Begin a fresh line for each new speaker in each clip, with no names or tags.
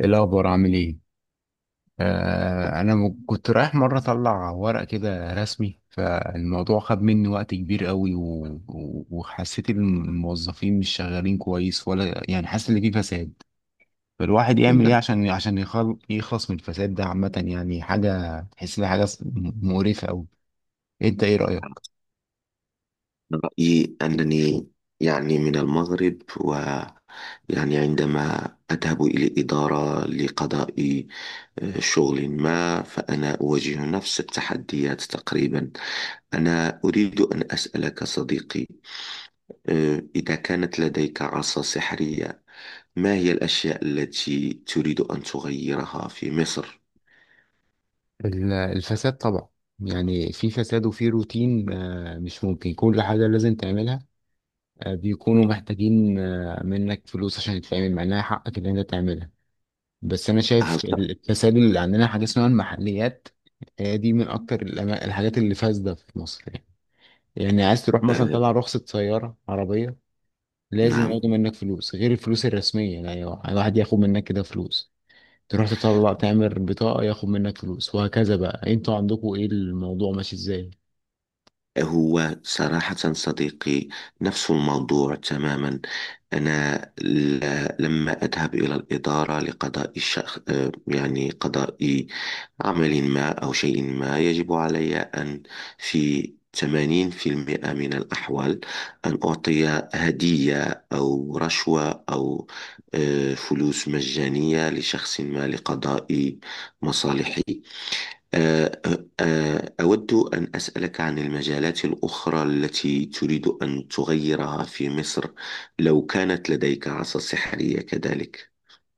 ايه الاخبار؟ عامل ايه؟ انا كنت رايح مره اطلع ورق كده رسمي، فالموضوع خد مني وقت كبير قوي و... و... وحسيت ان الموظفين مش شغالين كويس، ولا يعني حاسس ان في فساد. فالواحد يعمل ايه
من
عشان يخلص من الفساد ده عامه، يعني حاجه تحس انها حاجه مقرفه قوي. انت ايه رايك؟
رأيي أنني يعني من المغرب. ويعني عندما أذهب إلى إدارة لقضاء شغل ما، فأنا أواجه نفس التحديات تقريبا. أنا أريد أن أسألك صديقي، إذا كانت لديك عصا سحرية، ما هي الأشياء التي تريد أن تغيرها في مصر؟
الفساد طبعا. يعني في فساد وفي روتين، مش ممكن كل حاجه لازم تعملها. بيكونوا محتاجين منك فلوس عشان يتعمل، مع انها حقك اللي انت تعملها. بس انا شايف
هل ت...
التسلل اللي عندنا حاجه اسمها المحليات. هي دي من اكتر الحاجات اللي فاسده في مصر يعني. يعني عايز تروح مثلا
آه،
طلع رخصه سياره عربيه، لازم
نعم.
ياخدوا منك فلوس غير الفلوس الرسميه، يعني الواحد ياخد منك كده فلوس. تروح تطلع تعمل بطاقه ياخد منك فلوس، وهكذا بقى. انتوا عندكم ايه، الموضوع ماشي ازاي؟
هو صراحة صديقي، نفس الموضوع تماما. أنا لما أذهب إلى الإدارة لقضاء الشخ... آه، يعني قضاء عمل ما أو شيء ما يجب علي أن، في 80% من الأحوال، أن أعطي هدية أو رشوة أو فلوس مجانية لشخص ما لقضاء مصالحي. آه، أود أن أسألك عن المجالات الأخرى التي تريد أن تغيرها في مصر لو كانت لديك عصا سحرية كذلك.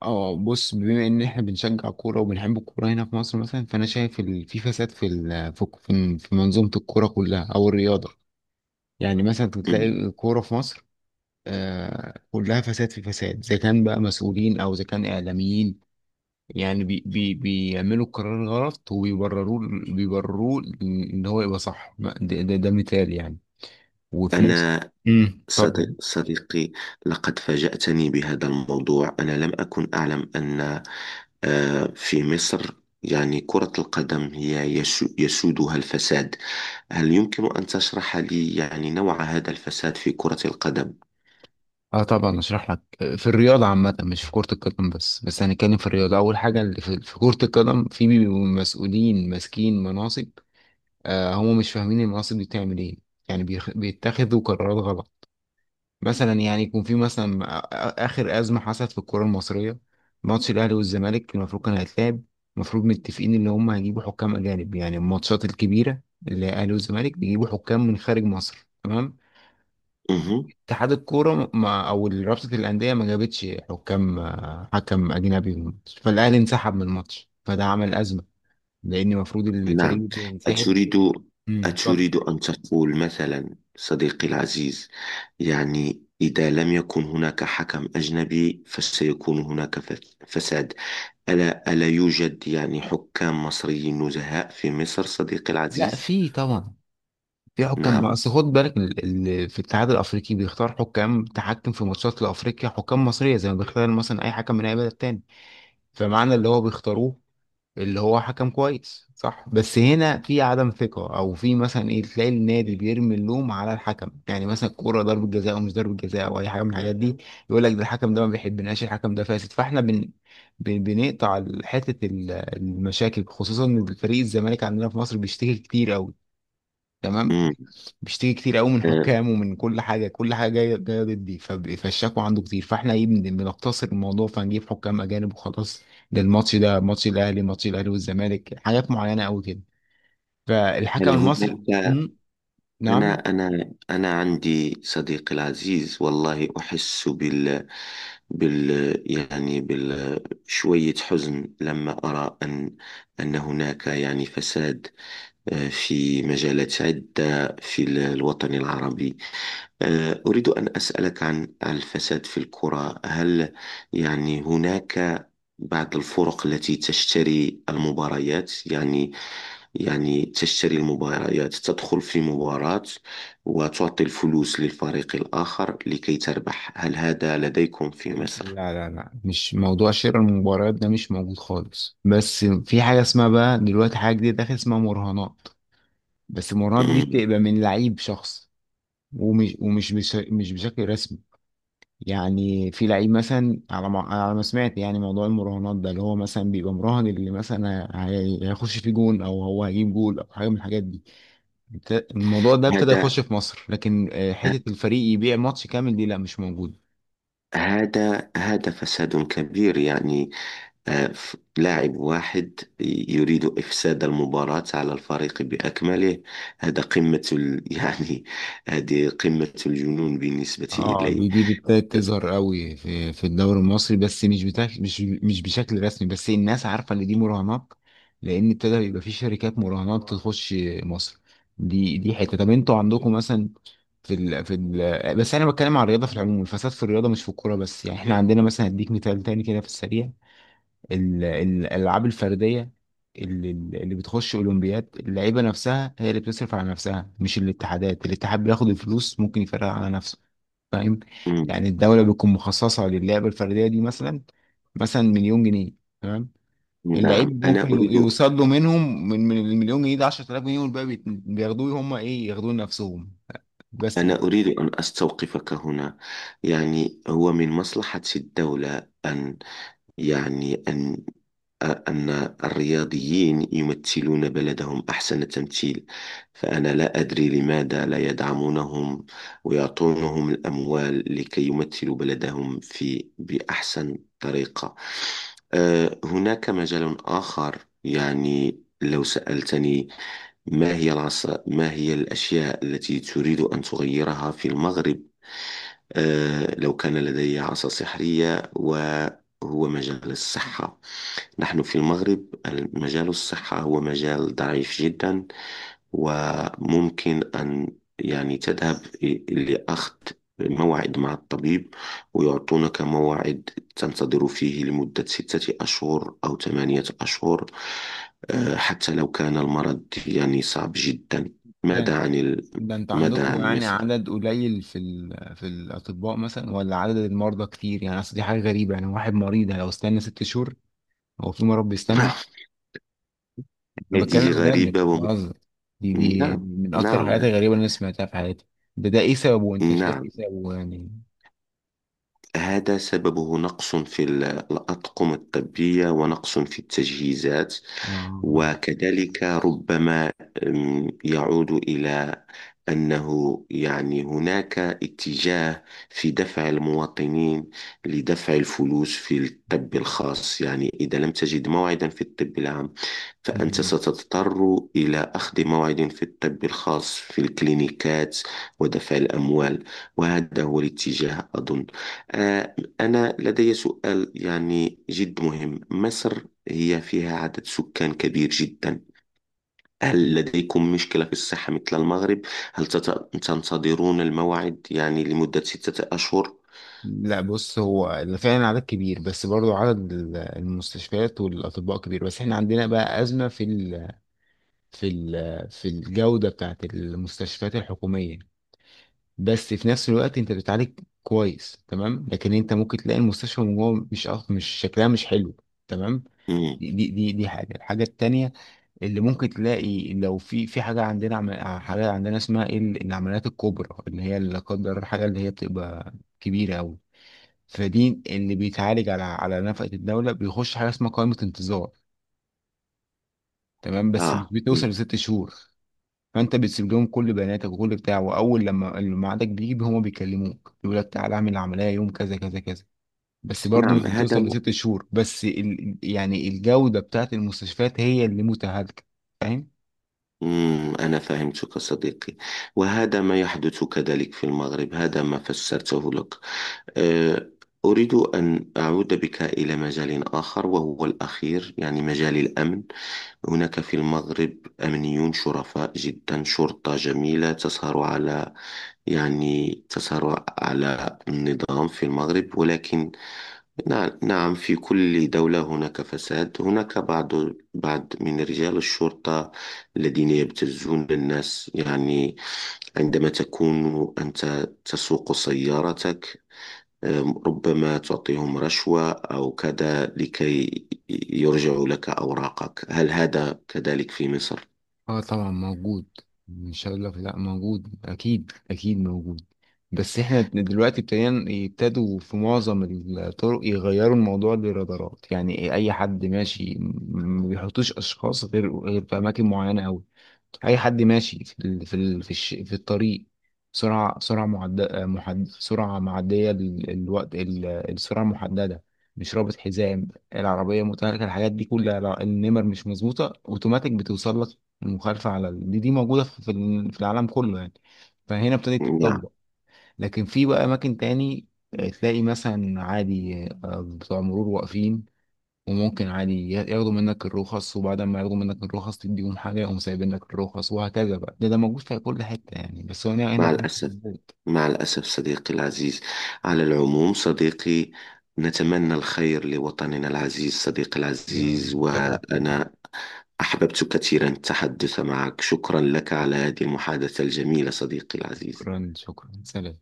اه، بص، بما ان احنا بنشجع كوره وبنحب الكوره هنا في مصر مثلا، فانا شايف في فساد في ال- في في في منظومه الكوره كلها او الرياضه. يعني مثلا
مم.
تلاقي الكوره في مصر كلها فساد في فساد، اذا كان بقى مسؤولين او اذا كان اعلاميين. يعني بي بي بيعملوا القرار غلط وبيبرروه. بيبرروه ان هو يبقى صح. ده مثال يعني. وفي نفس...
أنا
اتفضل.
صديقي، لقد فاجأتني بهذا الموضوع. أنا لم أكن أعلم أن في مصر يعني كرة القدم هي يسودها الفساد. هل يمكن أن تشرح لي يعني نوع هذا الفساد في كرة القدم؟
اه طبعا، اشرح لك. في الرياضه عامه، مش في كره القدم بس، هنتكلم في الرياضه. اول حاجه اللي في كره القدم، في بيبقوا مسؤولين ماسكين مناصب، هم مش فاهمين المناصب دي بتعمل ايه، يعني بيتخذوا قرارات غلط. مثلا يعني يكون في مثلا، اخر ازمه حصلت في الكره المصريه، ماتش الاهلي والزمالك، المفروض كان هيتلعب. المفروض متفقين ان هم هيجيبوا حكام اجانب، يعني الماتشات الكبيره، اللي هي الاهلي والزمالك، بيجيبوا حكام من خارج مصر، تمام.
مهم.
اتحاد الكورة ما، أو رابطة الأندية ما جابتش حكام، حكم أجنبي في الماتش، فالأهلي انسحب من الماتش، فده عمل أزمة، لأن المفروض الفريق
نعم.
اللي بينسحب...
أتريد
طب.
أتريد أن تقول مثلا صديقي العزيز، يعني إذا لم يكن هناك حكم أجنبي فسيكون هناك فساد. ألا يوجد يعني حكام مصريين نزهاء في مصر صديقي
لا،
العزيز؟
في طبعا. في حكام،
نعم.
أصل خد بالك، في الاتحاد الأفريقي بيختار حكام تحكم في ماتشات لأفريقيا، حكام مصرية، زي ما بيختار مثلا أي حكم من أي بلد تاني. فمعنى اللي هو بيختاروه اللي هو حكم كويس، صح؟ بس هنا في عدم ثقة، او في مثلا ايه، تلاقي النادي بيرمي اللوم على الحكم، يعني مثلا الكورة ضربة جزاء او مش ضربة جزاء او اي حاجة من الحاجات دي. يقول لك ده الحكم ده ما بيحبناش، الحكم ده فاسد. فاحنا بنقطع حتة المشاكل، خصوصا ان فريق الزمالك عندنا في مصر بيشتكي كتير قوي، تمام.
مم.
بيشتكي كتير قوي من
آه،
حكام ومن كل حاجه، كل حاجه جايه جايه ضدي، فالشكوى عنده كتير. فاحنا ايه، بنقتصر الموضوع فنجيب حكام اجانب وخلاص. ده الماتش، ده ماتش الاهلي ماتش الاهلي والزمالك، حاجات معينه قوي كده. فالحكم
هل
المصري
هناك، أنا
نعم.
أنا أنا عندي صديقي العزيز، والله أحس بال بال شوية حزن لما أرى أن هناك يعني فساد في مجالات عدة في الوطن العربي. أريد أن أسألك عن الفساد في الكرة، هل يعني هناك بعض الفرق التي تشتري المباريات، يعني تشتري المباريات، تدخل في مباراة وتعطي الفلوس للفريق الآخر لكي تربح. هل هذا لديكم في
لا،
مصر؟
لا، لا، مش موضوع شراء المباريات ده، مش موجود خالص. بس في حاجه اسمها بقى دلوقتي، حاجه جديده داخل اسمها مراهنات. بس المراهنات دي
آه،
بتبقى من لعيب شخص، ومش مش بشكل رسمي. يعني في لعيب مثلا، على ما سمعت، يعني موضوع المراهنات ده، اللي هو مثلا بيبقى مراهن اللي مثلا هيخش في جون، او هو هيجيب جول، او حاجه من الحاجات دي. الموضوع ده ابتدى يخش
هذا
في مصر، لكن حته الفريق يبيع ماتش كامل، دي لا، مش موجوده.
هذا فساد كبير، يعني لاعب واحد يريد إفساد المباراة على الفريق بأكمله. هذا قمة يعني هذه قمة الجنون بالنسبة
اه،
إلي.
دي ابتدت تظهر قوي في الدوري المصري، بس مش بتاك، مش بشكل رسمي، بس الناس عارفه ان دي مراهنات. لان ابتدى يبقى في شركات مراهنات تخش مصر. دي حته. طب انتوا عندكم مثلا بس انا بتكلم على الرياضه في العموم، الفساد في الرياضه مش في الكوره بس، يعني احنا عندنا مثلا هديك مثال تاني كده في السريع. الالعاب الفرديه اللي بتخش اولمبياد، اللعيبه نفسها هي اللي بتصرف على نفسها، مش الاتحادات. الاتحاد بياخد الفلوس ممكن يفرقها على نفسه، فاهم؟
مم،
يعني الدوله بتكون مخصصه للعبه الفرديه دي مثلا، مثلا 1,000,000 جنيه، تمام.
نعم.
اللعيب
أنا
ممكن
أريد
يوصل له منهم، من ال1,000,000 جنيه ده، 10,000 جنيه، والباقي بياخدوه هم ايه، ياخدوه لنفسهم بس.
أنا أريد أن أستوقفك هنا. يعني هو من مصلحة الدولة أن يعني أن الرياضيين يمثلون بلدهم أحسن تمثيل. فأنا لا أدري لماذا لا يدعمونهم ويعطونهم الأموال لكي يمثلوا بلدهم بأحسن طريقة. هناك مجال آخر، يعني لو سألتني، ما هي الأشياء التي تريد أن تغيرها في المغرب لو كان لدي عصا سحرية، وهو مجال الصحة. نحن في المغرب مجال الصحة هو مجال ضعيف جدا، وممكن أن يعني تذهب لأخذ موعد مع الطبيب، ويعطونك موعد تنتظر فيه لمدة ستة أشهر أو ثمانية أشهر، حتى لو كان المرض يعني صعب جدا.
ده
ماذا عن ال...
ده انت
ماذا
عندكم،
عن
يعني
مصر؟
عدد قليل في الاطباء مثلا، ولا عدد المرضى كتير؟ يعني اصل دي حاجه غريبه، يعني واحد مريض لو استنى 6 شهور؟ هو في مرض بيستنى؟ انا
هذه
بتكلم بجد، مش
غريبة.
بهزر. دي
نعم،
من اكتر
نعم،
الحاجات الغريبه اللي انا سمعتها في حياتي. ده ايه سببه؟ انت شايف ايه
نعم.
سببه يعني؟
هذا سببه نقص في الأطقم الطبية ونقص في التجهيزات،
اه.
وكذلك ربما يعود إلى أنه يعني هناك اتجاه في دفع المواطنين لدفع الفلوس في الطب الخاص. يعني إذا لم تجد موعدا في الطب العام فأنت
مم.
ستضطر إلى أخذ موعد في الطب الخاص في الكلينيكات ودفع الأموال. وهذا هو الاتجاه أظن. آه، أنا لدي سؤال يعني جد مهم. مصر هي فيها عدد سكان كبير جدا، هل لديكم مشكلة في الصحة مثل المغرب؟ هل تنتظرون الموعد يعني لمدة ستة أشهر؟
لا، بص، هو فعلا عدد كبير، بس برضو عدد المستشفيات والاطباء كبير، بس احنا عندنا بقى ازمه في في الجودة بتاعت المستشفيات الحكومية. بس في نفس الوقت انت بتعالج كويس، تمام، لكن انت ممكن تلاقي المستشفى من جوه مش، مش شكلها مش حلو، تمام.
مم.
دي الحاجة التانية اللي ممكن تلاقي. لو في حاجة عندنا، حاجة عندنا اسمها ايه، العمليات الكبرى، اللي هي لا قدر الله، حاجة اللي هي بتبقى كبيرة أوي، فدي اللي بيتعالج على نفقة الدولة. بيخش حاجة اسمها قائمة انتظار، تمام. بس مش
آه، مم.
بتوصل لست شهور. فانت بتسيب لهم كل بياناتك وكل بتاع، واول لما الميعادك بيجي هما بيكلموك، يقول لك تعالى اعمل العمليه يوم كذا كذا كذا. بس برضه مش
نعم، هذا
بتوصل
ما...
لست شهور، بس يعني الجوده بتاعت المستشفيات هي اللي متهالكه، فاهم.
مم. أنا فهمتك صديقي. وهذا ما يحدث كذلك في المغرب، هذا ما فسرته لك. آه، أريد أن أعود بك إلى مجال آخر وهو الأخير، يعني مجال الأمن. هناك في المغرب أمنيون شرفاء جدا، شرطة جميلة تسهر على، يعني تسهر على النظام في المغرب، ولكن نعم، في كل دولة هناك فساد. هناك بعض، بعض من رجال الشرطة الذين يبتزون الناس، يعني عندما تكون أنت تسوق سيارتك ربما تعطيهم رشوة أو كذا لكي يرجعوا لك أوراقك. هل هذا كذلك في مصر؟
اه طبعا موجود. ان شاء الله لا، موجود، اكيد اكيد موجود. بس احنا دلوقتي ابتدينا يبتدوا في معظم الطرق يغيروا الموضوع للرادارات. يعني اي حد ماشي، ما بيحطوش اشخاص غير، في اماكن معينه قوي. اي حد ماشي في ال... في ال... في, الش... في الطريق، سرعه معديه الوقت، السرعه المحدده، مش رابط حزام، العربيه متهالكه، الحاجات دي كلها، لا، النمر مش مظبوطه، اوتوماتيك بتوصل لك المخالفه على دي، موجوده في في العالم كله يعني، فهنا ابتدت
نعم.
تتطبق. لكن في بقى اماكن تاني، تلاقي مثلا عادي بتوع مرور واقفين، وممكن عادي ياخدوا منك الرخص، وبعد ما ياخدوا منك الرخص تديهم حاجة، يقوم سايبين لك الرخص، وهكذا بقى. ده موجود في كل حتة يعني، بس هو هنا
مع
في مصر
الأسف،
موجود.
مع الأسف صديقي العزيز. على العموم صديقي، نتمنى الخير لوطننا العزيز صديقي
يا
العزيز.
متشرف بيك.
وأنا أحببت كثيرا التحدث معك. شكرا لك على هذه المحادثة الجميلة صديقي العزيز.
شكرا، شكرا، سلام.